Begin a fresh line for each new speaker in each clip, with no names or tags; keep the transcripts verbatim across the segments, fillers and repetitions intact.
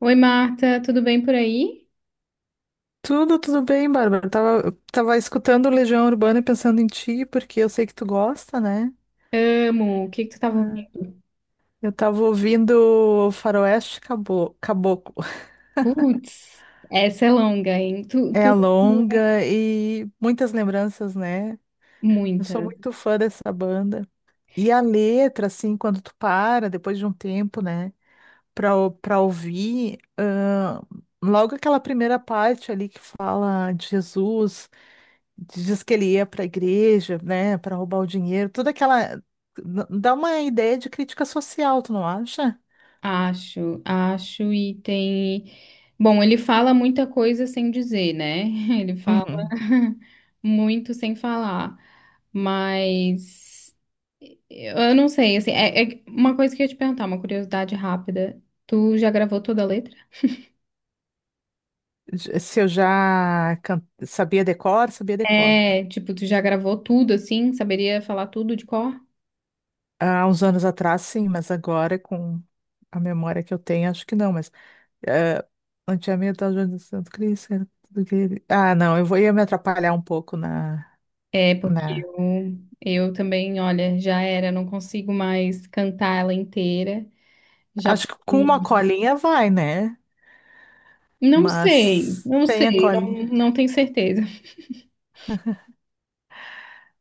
Oi, Marta, tudo bem por aí?
Tudo, tudo bem, Bárbara. Eu Tava, eu tava escutando Legião Urbana e pensando em ti, porque eu sei que tu gosta, né?
Amo. O que que tu
É.
tava ouvindo?
Eu tava ouvindo Faroeste Cabo- Caboclo.
Putz, essa é longa, hein? Tu,
É a
tu...
longa e muitas lembranças, né? Eu sou
Muita.
muito fã dessa banda. E a letra, assim, quando tu para, depois de um tempo, né, pra, ou- pra ouvir, ahn, logo aquela primeira parte ali que fala de Jesus. Diz que ele ia para a igreja, né, para roubar o dinheiro, toda aquela. n- Dá uma ideia de crítica social, tu não acha?
Acho, acho e tem... Bom, ele fala muita coisa sem dizer, né? Ele fala
Uhum.
muito sem falar, mas eu não sei, assim, é, é uma coisa que eu ia te perguntar, uma curiosidade rápida. Tu já gravou toda a letra?
J- Se eu já can- sabia decor, sabia decor.
É, tipo, tu já gravou tudo, assim? Saberia falar tudo de cor?
Há uns anos atrás, sim, mas agora, com a memória que eu tenho, acho que não, mas. eh, Antigamente, a Joana do Santo Cristo, era tudo que ele- ah, não, eu vou ia me atrapalhar um pouco na,
É, porque
na.
eu, eu também, olha, já era, não consigo mais cantar ela inteira. Já
Acho que com uma colinha vai, né?
não sei,
Mas
não
tem a
sei, não,
colinha.
não tenho certeza.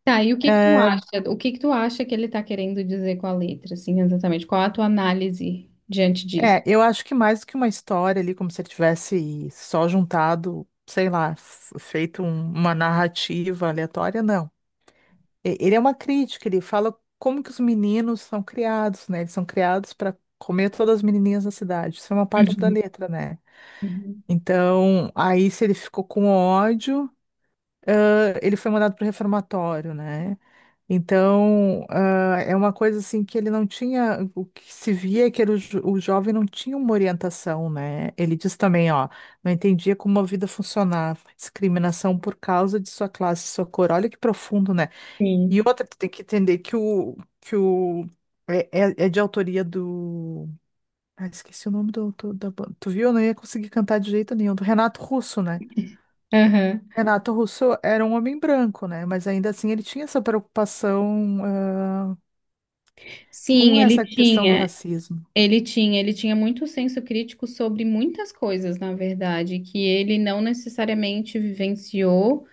Tá, e o que que tu
Eh,
acha? O que que tu acha que ele tá querendo dizer com a letra, assim, exatamente? Qual a tua análise diante disso?
É, eu acho que mais do que uma história ali, como se ele tivesse só juntado, sei lá, f- feito um- uma narrativa aleatória, não. E- Ele é uma crítica, ele fala como que os meninos são criados, né? Eles são criados para comer todas as menininhas da cidade. Isso é uma parte da
Uhum,
letra, né?
uhum.
Então, aí se ele ficou com ódio, ãh, ele foi mandado pro reformatório, né? Então, ah, é uma coisa assim que ele não tinha, o que se via é que era o, jo- o jovem não tinha uma orientação, né? Ele diz também, ó, não entendia como a vida funcionava, discriminação por causa de sua classe, sua cor, olha que profundo, né? E
Sim.
outra, tu tem que entender que o, que o, é, é- é de autoria do, ah, esqueci o nome do autor da banda, tu viu? Eu não ia conseguir cantar de jeito nenhum, do Renato Russo, né?
Aham.
Renato Russo era um homem branco, né? Mas ainda assim ele tinha essa preocupação ah,
Sim,
Como é
ele
essa questão do
tinha.
racismo,
Ele tinha, ele tinha muito senso crítico sobre muitas coisas, na verdade, que ele não necessariamente vivenciou,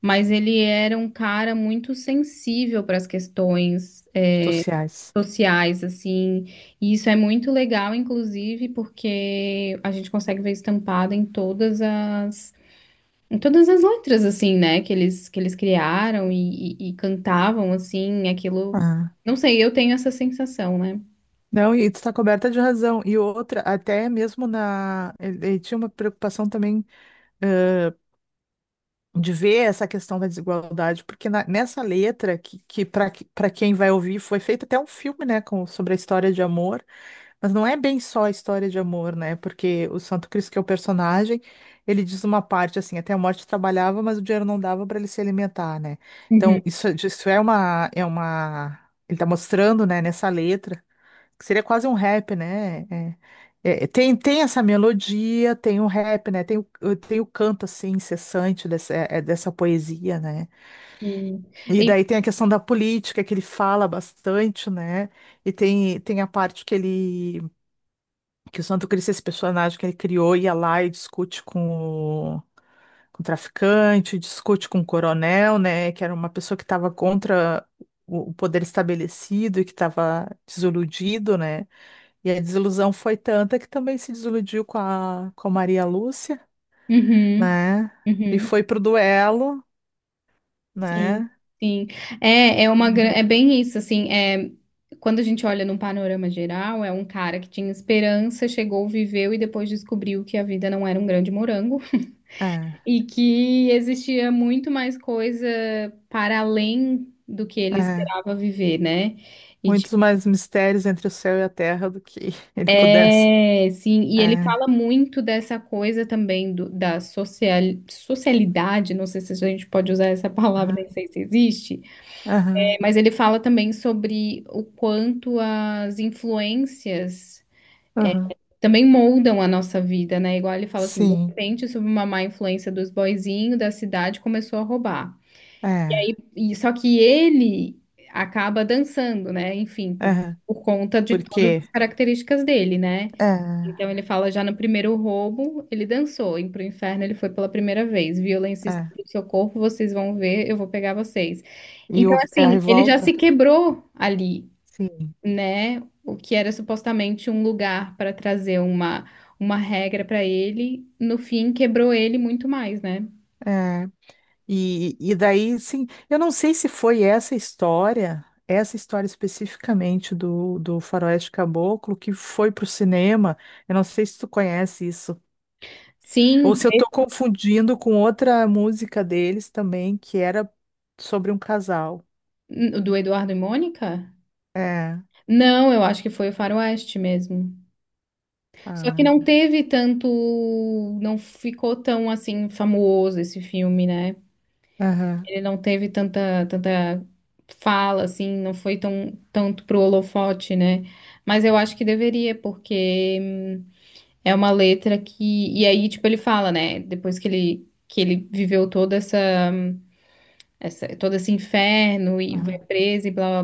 mas ele era um cara muito sensível para as questões,
dos
é,
sociais?
sociais, assim. E isso é muito legal, inclusive, porque a gente consegue ver estampado em todas as, em todas as letras, assim, né, que eles, que eles criaram e, e- e cantavam, assim, aquilo.
Ah.
Não sei, eu tenho essa sensação, né?
Não, e tu está coberta de razão. E outra, até mesmo na. Ele ele tinha uma preocupação também, ãh, de ver essa questão da desigualdade, porque na- nessa letra, que, que para quem vai ouvir, foi feito até um filme, né, com, sobre a história de amor. Mas não é bem só a história de amor, né? Porque o Santo Cristo, que é o personagem, ele diz uma parte assim, até a morte trabalhava, mas o dinheiro não dava para ele se alimentar, né?
Uhum.
Então, isso, isso é uma, é uma. Ele tá mostrando, né, nessa letra, que seria quase um rap, né? É- é- tem, tem essa melodia, tem o rap, né? Tem o, tem o canto, assim, incessante dessa, é- é, dessa poesia, né?
Sim.
E
E
daí tem a questão da política, que ele fala bastante, né? E tem, tem a parte que ele que o Santo Cristo é esse personagem que ele criou, ia lá e discute com o, com o traficante, discute com o coronel, né, que era uma pessoa que estava contra o, o poder estabelecido e que estava desiludido, né, e a desilusão foi tanta que também se desiludiu com a, com a Maria Lúcia,
uhum,
né,
uhum,
e
é.
foi pro duelo,
Sim,
né,
sim. É, é uma, gra- é bem isso, assim, é, quando a gente olha num panorama geral, é um cara que tinha esperança, chegou, viveu e depois descobriu que a vida não era um grande morango
é,
e que existia muito mais coisa para além do que
é,
ele
é.
esperava viver, né? E,
muitos
tipo,
mais mistérios entre o céu e a terra do que ele pudesse,
é, sim, e ele
é,
fala muito dessa coisa também do- da social, socialidade, não sei se a gente pode usar essa palavra,
aham,
nem sei se existe.
aham,
Mas ele fala também sobre o quanto as influências
aham,
também moldam a nossa vida, né? Igual ele fala assim, de
sim,
repente, sob uma má influência dos boyzinhos da cidade, começou a roubar.
é.
E só que ele acaba dançando, né? Enfim, por,
É,
por conta de todas
porque
as características dele, né?
é,
Então ele fala já no primeiro roubo, ele dançou, e pro inferno ele foi pela primeira vez. Violência e estupro
é.
do seu corpo, vocês vão ver, eu vou pegar vocês.
E
Então,
o- é a
assim, ele já
revolta,
se quebrou ali,
sim.
né? O que era supostamente um lugar para trazer uma, uma regra para ele, no fim quebrou ele muito mais, né?
É. E, e daí, sim, eu não sei se foi essa história, essa história especificamente do, do Faroeste Caboclo que foi pro cinema. Eu não sei se tu conhece isso. Ou
Sim,
se eu tô confundindo com outra música deles também, que era sobre um casal.
o do Eduardo e Mônica?
É.
Não, eu acho que foi o Faroeste mesmo. Só que
Ah,
não teve tanto, não ficou tão assim famoso esse filme, né?
aham,
Ele não teve tanta tanta fala assim, não foi tão tanto pro holofote, né? Mas eu acho que deveria, porque é uma letra que... E aí, tipo, ele fala, né? Depois que ele, que ele viveu toda essa, essa, todo esse inferno e vai
aham,
preso e blá blá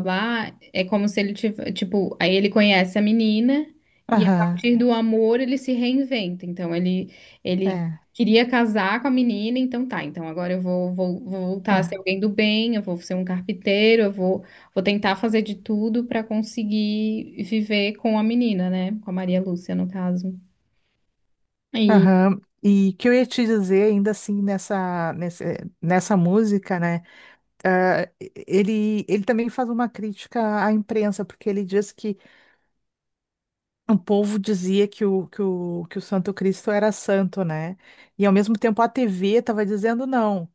blá. É como se ele tivesse... Tipo, aí ele conhece a menina e a
aham,
partir do amor ele se reinventa. Então, ele, ele
é.
queria casar com a menina, então tá. Então, agora eu vou, vou, vou voltar a ser
Aham.
alguém do bem, eu vou ser um carpinteiro, eu vou, vou tentar fazer de tudo pra conseguir viver com a menina, né? Com a Maria Lúcia, no caso. E.
Aham. E que eu ia te dizer, ainda assim, nessa, nesse- nessa música, né? ah, ele, ele também faz uma crítica à imprensa, porque ele diz que o, povo dizia que o, que o, que o Santo Cristo era santo, né? E ao mesmo tempo a T V estava dizendo não,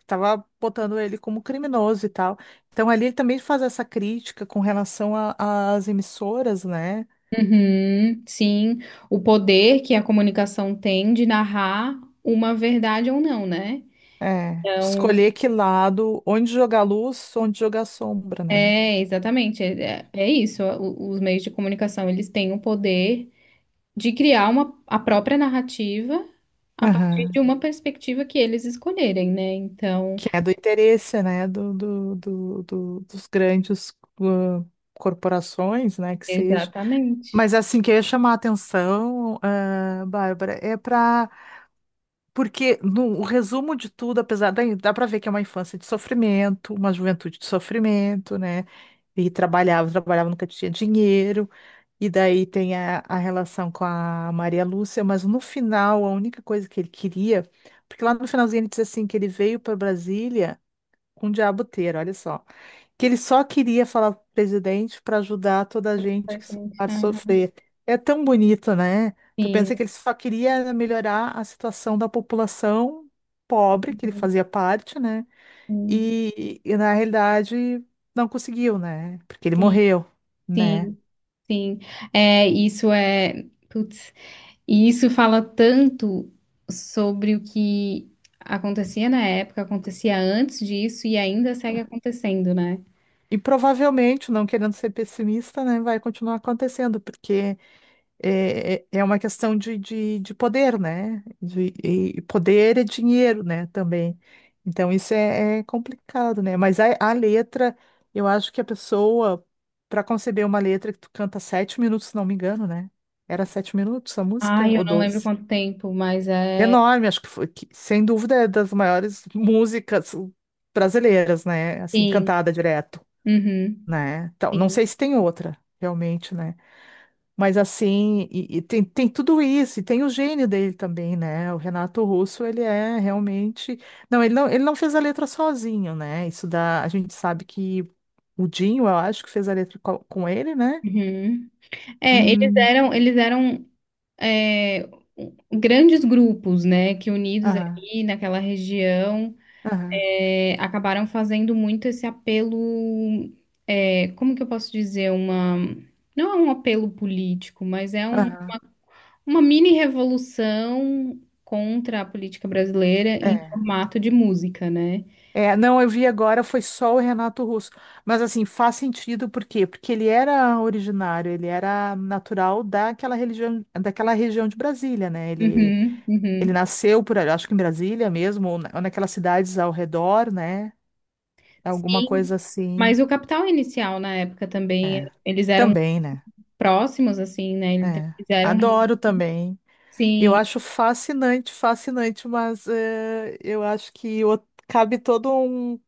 estava botando ele como criminoso e tal. Então ali ele também faz essa crítica com relação a- às emissoras, né?
Uhum, sim, o poder que a comunicação tem de narrar uma verdade ou não, né?
É, de
Então,
escolher que lado, onde jogar luz, onde jogar sombra, né?
é exatamente, é, é é isso. o- os meios de comunicação, eles têm o poder de criar uma, a própria narrativa a partir de
Aham.
uma perspectiva que eles escolherem, né? Então,
Que é do interesse, né, do, do, do, do- dos grandes, ah, corporações, né, que seja.
exatamente.
Mas assim, que eu ia chamar a atenção, ah, Bárbara, é para. Porque no o resumo de tudo, apesar da. Dá para ver que é uma infância de sofrimento, uma juventude de sofrimento, né? E trabalhava, trabalhava, nunca tinha dinheiro. E daí tem a, a relação com a Maria Lúcia, mas no final, a única coisa que ele queria. Porque lá no finalzinho ele diz assim, que ele veio para Brasília com diaboteira, olha só. Que ele só queria falar pro presidente para ajudar toda a gente que
Exatamente.
a
Aham.
sofrer. É tão bonito, né? Tu
Sim,
pensa que ele só queria melhorar a situação da população pobre, que ele fazia parte, né?
sim,
E, e na realidade não conseguiu, né? Porque ele
sim,
morreu, né?
sim, sim. É, isso é... Putz. E isso fala tanto sobre o que acontecia na época, acontecia antes disso e ainda segue acontecendo, né?
E provavelmente, não querendo ser pessimista, né, vai continuar acontecendo, porque é, é é uma questão de, de, de poder, né? De, e poder é dinheiro, né? Também. Então, isso é, é complicado, né? Mas a, a letra, eu acho que a pessoa, para conceber uma letra que tu canta sete minutos, se não me engano, né? Era sete minutos a música,
Ai, eu
ou
não lembro
doze?
quanto tempo, mas é.
Enorme, acho que foi, que, sem dúvida, é das maiores músicas brasileiras, né? Assim,
Sim.
cantada direto,
Uhum.
né? Então, não
Sim.
sei se tem outra, realmente, né? Mas assim, e, e tem, tem tudo isso, e tem o gênio dele também, né? O Renato Russo, ele é realmente. Não, ele não, ele não fez a letra sozinho, né? Isso dá. A gente sabe que o Dinho, eu acho que fez a letra co- com ele, né?
Uhum. É, eles
Hum,
eram, eles eram, é, grandes grupos, né? Que unidos
aham,
ali naquela região,
aham,
é, acabaram fazendo muito esse apelo. É, como que eu posso dizer? Uma... Não é um apelo político, mas é um
aham.
uma mini revolução contra a política brasileira em
É.
formato de música, né?
É, não, eu vi agora, foi só o Renato Russo. Mas assim, faz sentido, por quê? Porque ele era originário, ele era natural daquela religião, daquela região de Brasília, né? Ele
Uhum,
ele
uhum.
nasceu por ali, acho que em Brasília mesmo, ou na- ou naquelas cidades ao redor, né? Alguma
Sim.
coisa assim.
Mas o Capital Inicial na época também,
É.
eles eram
Também, né?
próximos, assim, né? Então,
É.
eles eram...
Adoro também. Eu
Sim,
acho fascinante, fascinante, mas eh, eu acho que o- cabe toda um-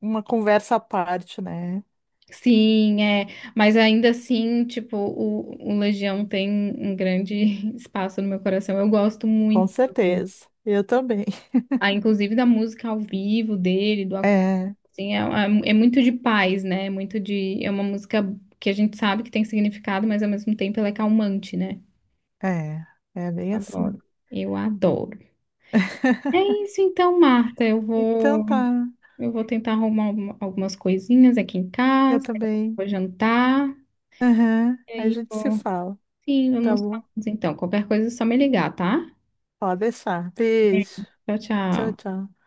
uma conversa à parte, né?
sim, é. Mas ainda assim, tipo, o, o Legião tem um grande espaço no meu coração. Eu gosto
Com
muito.
certeza. Eu também.
Ah, inclusive da música ao vivo dele, do acú-
É,
assim, é, é- é muito de paz, né? É muito de, é uma música que a gente sabe que tem significado, mas ao mesmo tempo ela é calmante, né?
é, é bem assim.
Adoro. Eu adoro. É isso então, Marta. Eu
Então
vou,
tá,
eu vou tentar arrumar alguma- algumas coisinhas aqui em
eu
casa,
também.
vou jantar,
Aham,
e
aí a
aí
gente se
vou.
fala,
Sim,
tá
vamos
bom?
falar então. Qualquer coisa é só me ligar, tá?
Pode deixar. Beijo.
Beijo. Tchau,
Tchau,
tchau.
tchau.